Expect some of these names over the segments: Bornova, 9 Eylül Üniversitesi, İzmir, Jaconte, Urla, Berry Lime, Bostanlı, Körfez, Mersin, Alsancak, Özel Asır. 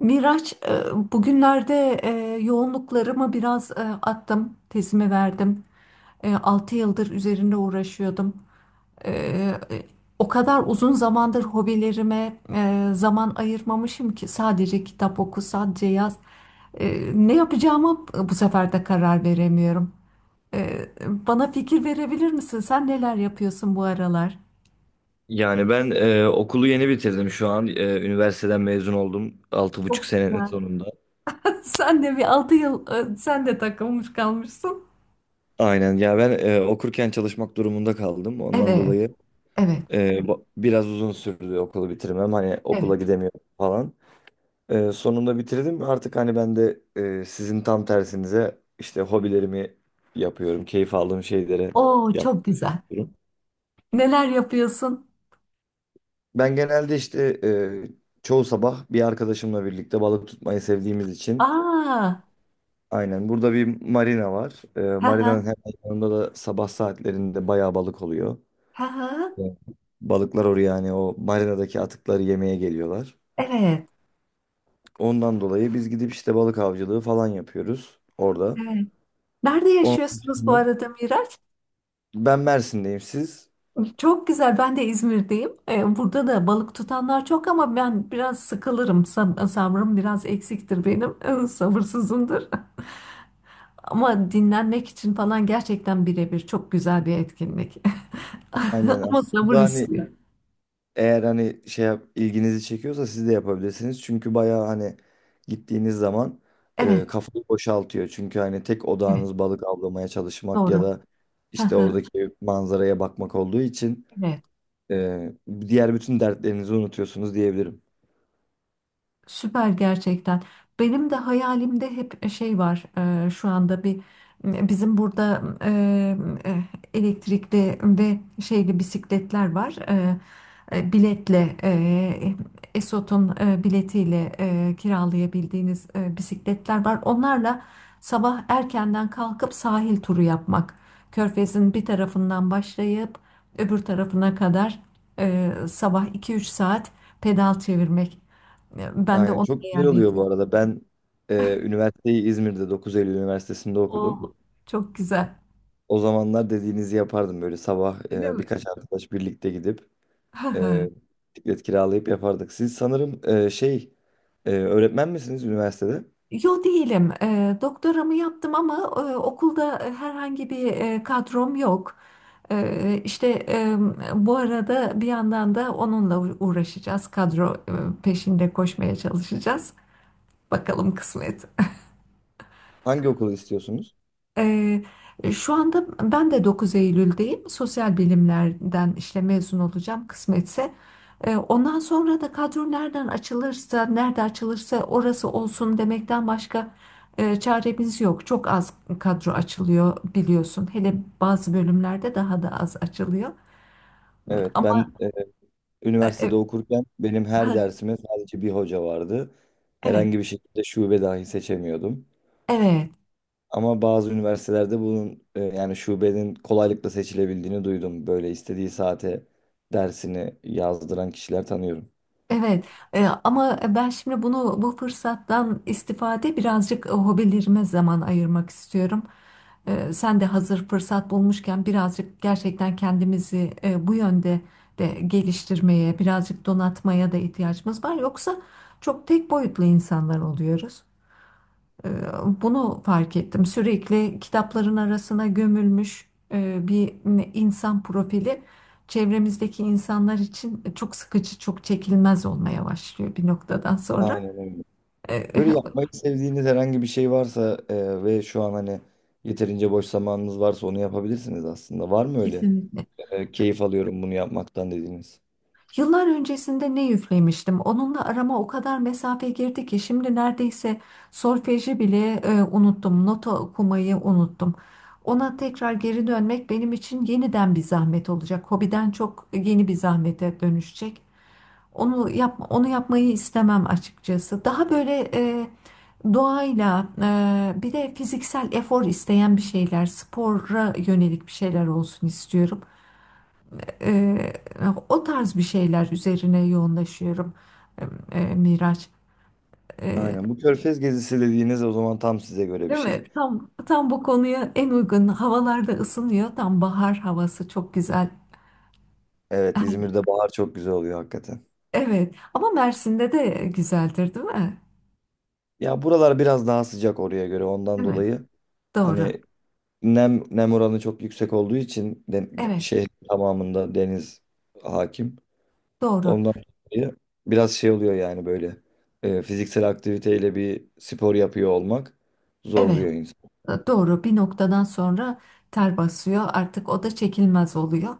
Miraç, bugünlerde yoğunluklarımı biraz attım, tezimi verdim. 6 yıldır üzerinde uğraşıyordum. E, e, O kadar uzun zamandır hobilerime zaman ayırmamışım ki sadece kitap oku, sadece yaz. E, Ne yapacağımı bu sefer de karar veremiyorum. E, Bana fikir verebilir misin? Sen neler yapıyorsun bu aralar? Yani ben okulu yeni bitirdim şu an. Üniversiteden mezun oldum. 6,5 Çok senenin güzel. sonunda. Sen de bir 6 yıl, sen de takılmış kalmışsın. Aynen ya ben okurken çalışmak durumunda kaldım. Ondan Evet, dolayı evet. Biraz uzun sürdü okulu bitirmem. Hani Evet. okula gidemiyorum falan. Sonunda bitirdim. Artık hani ben de sizin tam tersinize işte hobilerimi yapıyorum. Keyif aldığım şeylere Oo, çok güzel. yapıyorum. Neler yapıyorsun? Ben genelde işte çoğu sabah bir arkadaşımla birlikte balık tutmayı sevdiğimiz için. Aa, Aynen. Burada bir marina var. Ha ha. Marinanın hemen yanında da sabah saatlerinde bayağı balık oluyor. Ha ha. Evet. Balıklar oraya yani o marinadaki atıkları yemeye geliyorlar. Evet, Ondan dolayı biz gidip işte balık avcılığı falan yapıyoruz orada. evet. Nerede Onun yaşıyorsunuz bu dışında arada, Miraç? ben Mersin'deyim, siz? Çok güzel. Ben de İzmir'deyim. Burada da balık tutanlar çok ama ben biraz sıkılırım. Sabrım biraz eksiktir benim. Sabırsızımdır. Ama dinlenmek için falan gerçekten birebir çok güzel bir etkinlik. Aynen Ama sabır aslında hani, istiyor. eğer hani şey yap, ilginizi çekiyorsa siz de yapabilirsiniz. Çünkü bayağı hani gittiğiniz zaman Evet, kafayı boşaltıyor. Çünkü hani tek evet. odağınız balık avlamaya çalışmak ya Doğru. da işte Ha ha. oradaki manzaraya bakmak olduğu için Evet. e, diğer bütün dertlerinizi unutuyorsunuz diyebilirim. Süper gerçekten. Benim de hayalimde hep şey var, şu anda bir bizim burada e, elektrikli ve şeyli bisikletler var. Biletle, Esot'un biletiyle kiralayabildiğiniz bisikletler var. Onlarla sabah erkenden kalkıp sahil turu yapmak. Körfez'in bir tarafından başlayıp öbür tarafına kadar sabah iki üç saat pedal çevirmek. Ya, ben de Aynen, ona çok güzel oluyor bu eyaleti. arada. Ben üniversiteyi İzmir'de 9 Eylül Üniversitesi'nde O, okudum. çok güzel. O zamanlar dediğinizi yapardım. Böyle sabah Öyle mi? birkaç arkadaş birlikte gidip e, bisiklet kiralayıp yapardık. Siz sanırım şey, öğretmen misiniz üniversitede? Yo, değilim. Doktoramı yaptım ama okulda herhangi bir kadrom yok. İşte bu arada bir yandan da onunla uğraşacağız. Kadro peşinde koşmaya çalışacağız. Bakalım kısmet. Hangi okulu istiyorsunuz? Ee, Şu anda ben de 9 Eylül'deyim. Sosyal bilimlerden işte mezun olacağım kısmetse. Ondan sonra da kadro nereden açılırsa, nerede açılırsa orası olsun demekten başka çaremiz yok. Çok az kadro açılıyor biliyorsun. Hele bazı bölümlerde daha da az açılıyor. Evet, ben Ama e, üniversitede e, okurken benim her ha, dersime sadece bir hoca vardı. evet, Herhangi bir şekilde şube dahi seçemiyordum. evet. Ama bazı üniversitelerde bunun yani şubenin kolaylıkla seçilebildiğini duydum. Böyle istediği saate dersini yazdıran kişiler tanıyorum. Evet, ama ben şimdi bunu bu fırsattan istifade birazcık hobilerime zaman ayırmak istiyorum. Sen de hazır fırsat bulmuşken birazcık gerçekten kendimizi bu yönde de geliştirmeye, birazcık donatmaya da ihtiyacımız var. Yoksa çok tek boyutlu insanlar oluyoruz. Ee, Bunu fark ettim. Sürekli kitapların arasına gömülmüş bir insan profili çevremizdeki insanlar için çok sıkıcı, çok çekilmez olmaya başlıyor bir noktadan sonra. Aynen öyle. Ee, Böyle yapmayı sevdiğiniz herhangi bir şey varsa ve şu an hani yeterince boş zamanınız varsa onu yapabilirsiniz aslında. Var mı öyle? Kesinlikle. Keyif alıyorum bunu yapmaktan dediğiniz? Yıllar öncesinde ne üflemiştim. Onunla arama o kadar mesafe girdi ki şimdi neredeyse solfeji bile unuttum. Nota okumayı unuttum. Ona tekrar geri dönmek benim için yeniden bir zahmet olacak. Hobiden çok yeni bir zahmete dönüşecek. Onu yapma, onu yapmayı istemem açıkçası. Daha böyle doğayla, bir de fiziksel efor isteyen bir şeyler, spora yönelik bir şeyler olsun istiyorum. Eee, O tarz bir şeyler üzerine yoğunlaşıyorum, Miraç. Eee, Aynen. Bu Körfez gezisi dediğiniz o zaman tam size göre bir Değil mi? şey. Tam bu konuya en uygun havalarda ısınıyor. Tam bahar havası çok güzel. Evet, Her- İzmir'de bahar çok güzel oluyor hakikaten. Evet. Ama Mersin'de de güzeldir, değil mi? Ya buralar biraz daha sıcak oraya göre, ondan Değil mi? dolayı Doğru. hani nem oranı çok yüksek olduğu için de Evet. şehrin tamamında deniz hakim. Doğru. Ondan dolayı biraz şey oluyor yani, böyle fiziksel aktiviteyle bir spor yapıyor olmak Evet. zorluyor insanı. Doğru. Bir noktadan sonra ter basıyor. Artık o da çekilmez oluyor.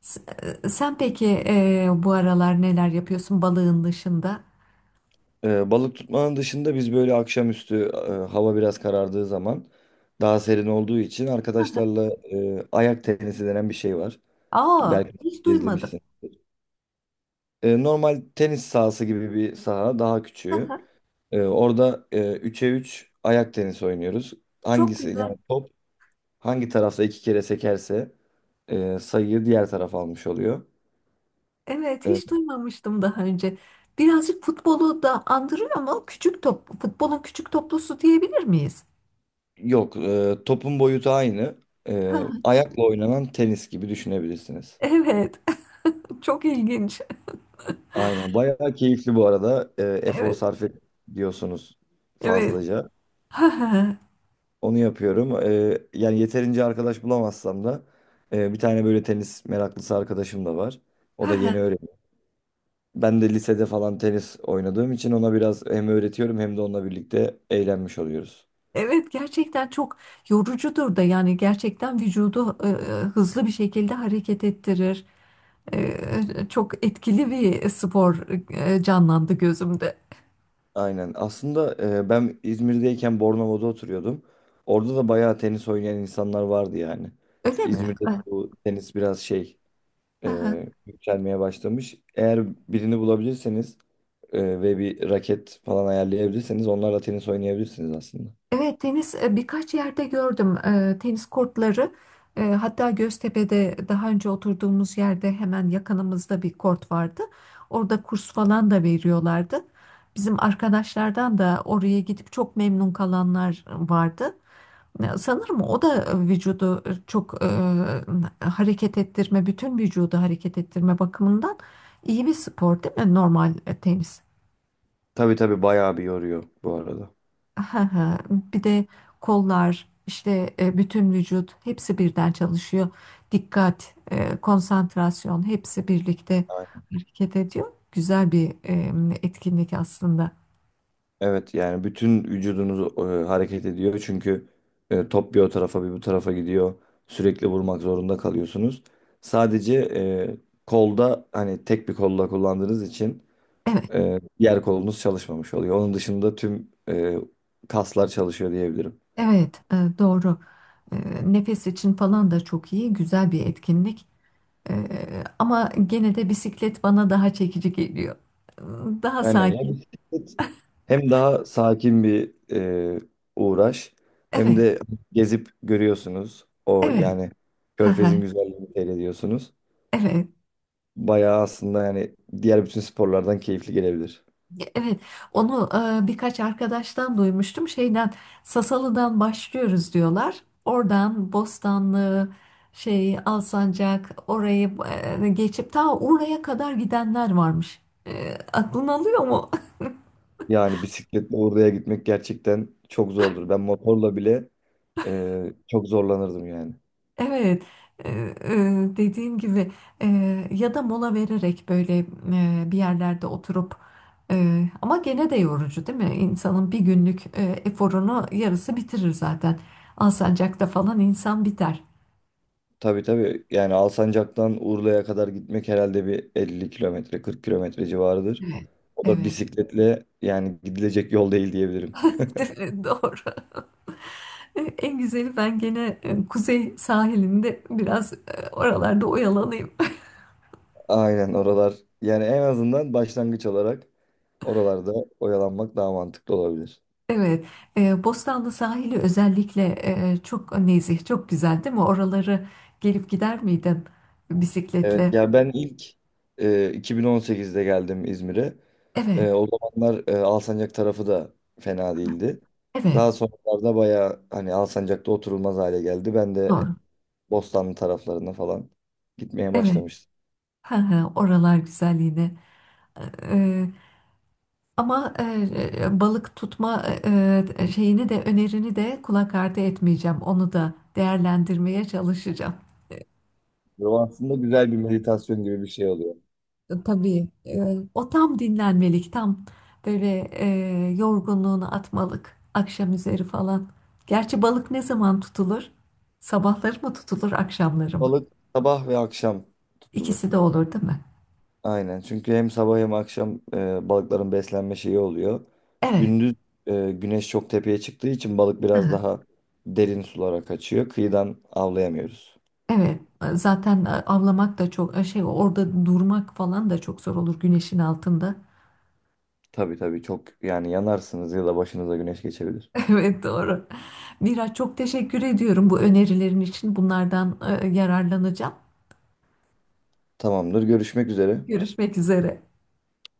Sen peki, bu aralar neler yapıyorsun balığın dışında? Balık tutmanın dışında biz böyle akşamüstü, hava biraz karardığı zaman daha serin olduğu için, arkadaşlarla ayak tenisi denen bir şey var. Aa, Belki hiç duymadım. izlemişsin. Normal tenis sahası gibi bir saha, daha küçüğü. Aha. Orada 3'e 3 ayak tenisi oynuyoruz. Çok Hangisi güzel. yani, top hangi tarafta iki kere sekerse sayıyı diğer taraf almış oluyor. Evet, hiç E, duymamıştım daha önce. Birazcık futbolu da andırıyor ama küçük top, futbolun küçük toplusu diyebilir miyiz? Yok. Topun boyutu aynı. Ha. Ayakla oynanan tenis gibi düşünebilirsiniz. Evet, çok ilginç. Aynen. Bayağı keyifli bu arada. Efor Evet, sarf et diyorsunuz evet. fazlaca. Ha ha. Onu yapıyorum. Yani yeterince arkadaş bulamazsam da bir tane böyle tenis meraklısı arkadaşım da var. O Ha da yeni ha. öğreniyor. Ben de lisede falan tenis oynadığım için ona biraz hem öğretiyorum, hem de onunla birlikte eğlenmiş oluyoruz. Evet, gerçekten çok yorucudur da yani gerçekten vücudu hızlı bir şekilde hareket ettirir. E, Çok etkili bir spor canlandı gözümde. Aynen. Aslında ben İzmir'deyken Bornova'da oturuyordum. Orada da bayağı tenis oynayan insanlar vardı yani. Öyle mi? İzmir'de de Ha bu tenis biraz şey, ha. Yükselmeye başlamış. Eğer birini bulabilirseniz ve bir raket falan ayarlayabilirseniz onlarla tenis oynayabilirsiniz aslında. Evet, tenis birkaç yerde gördüm, tenis kortları. Hatta Göztepe'de daha önce oturduğumuz yerde hemen yakınımızda bir kort vardı. Orada kurs falan da veriyorlardı. Bizim arkadaşlardan da oraya gidip çok memnun kalanlar vardı. Sanırım o da vücudu çok hareket ettirme, bütün vücudu hareket ettirme bakımından iyi bir spor değil mi? Normal tenis. Tabii tabii, bayağı bir yoruyor bu arada. Aha, ha. Bir de kollar, işte, bütün vücut hepsi birden çalışıyor. Dikkat, konsantrasyon hepsi birlikte Aynen. hareket ediyor. Güzel bir etkinlik aslında. Evet yani bütün vücudunuz hareket ediyor, çünkü top bir o tarafa bir bu tarafa gidiyor. Sürekli vurmak zorunda kalıyorsunuz. Sadece kolda, hani tek bir kolla kullandığınız için Evet, diğer kolunuz çalışmamış oluyor. Onun dışında tüm kaslar çalışıyor diyebilirim. evet, doğru. E, Nefes için falan da çok iyi, güzel bir etkinlik. Ama gene de bisiklet bana daha çekici geliyor. Daha Yani ya, sakin. bisiklet hem daha sakin bir e, uğraş, hem Evet, de gezip görüyorsunuz. O evet. yani, Aha. Körfez'in güzelliğini seyrediyorsunuz. Evet. Bayağı aslında yani, diğer bütün sporlardan keyifli gelebilir. Evet, onu birkaç arkadaştan duymuştum. Sasalı'dan başlıyoruz diyorlar. Oradan Bostanlı, Alsancak orayı geçip ta oraya kadar gidenler varmış. Aklın alıyor mu? Yani bisikletle oraya gitmek gerçekten çok zordur. Ben motorla bile çok zorlanırdım yani. Evet, e, e, dediğin gibi, ya da mola vererek böyle bir yerlerde oturup, ama gene de yorucu değil mi? İnsanın bir günlük eforunu yarısı bitirir zaten. Alsancak'ta falan insan biter. Tabii tabii, yani Alsancak'tan Urla'ya kadar gitmek herhalde bir 50 kilometre, 40 kilometre civarıdır. Evet, O da evet. bisikletle yani gidilecek yol değil diyebilirim. Doğru. En güzeli ben gene kuzey sahilinde biraz oralarda oyalanayım. Aynen, oralar yani en azından başlangıç olarak oralarda oyalanmak daha mantıklı olabilir. Evet, Bostanlı sahili özellikle çok nezih, çok güzel değil mi? Oraları gelip gider miydin Evet bisikletle? ya, ben ilk 2018'de geldim İzmir'e. Evet, O zamanlar Alsancak tarafı da fena değildi. evet, Daha sonralarda bayağı hani Alsancak'ta oturulmaz hale geldi. Ben de doğru. Bostanlı taraflarına falan gitmeye Evet, başlamıştım. hı hı, oralar güzel yine. E, Ama balık tutma şeyini de önerini de kulak ardı etmeyeceğim. Onu da değerlendirmeye çalışacağım. Bu aslında güzel bir meditasyon gibi bir şey oluyor. Tabii, o tam dinlenmelik, tam böyle yorgunluğunu atmalık akşam üzeri falan. Gerçi balık ne zaman tutulur? Sabahları mı tutulur, akşamları mı? Balık sabah ve akşam İkisi tutulur. de olur değil mi? Aynen. Çünkü hem sabah hem akşam balıkların beslenme şeyi oluyor. Evet. Gündüz güneş çok tepeye çıktığı için balık Hı biraz hı. daha derin sulara kaçıyor. Kıyıdan avlayamıyoruz. Evet, zaten avlamak da çok şey, orada durmak falan da çok zor olur güneşin altında. Tabii tabii, çok yani, yanarsınız ya da başınıza güneş geçebilir. Evet, doğru. Miraç, çok teşekkür ediyorum bu önerilerin için, bunlardan yararlanacağım. Tamamdır. Görüşmek üzere. Görüşmek üzere.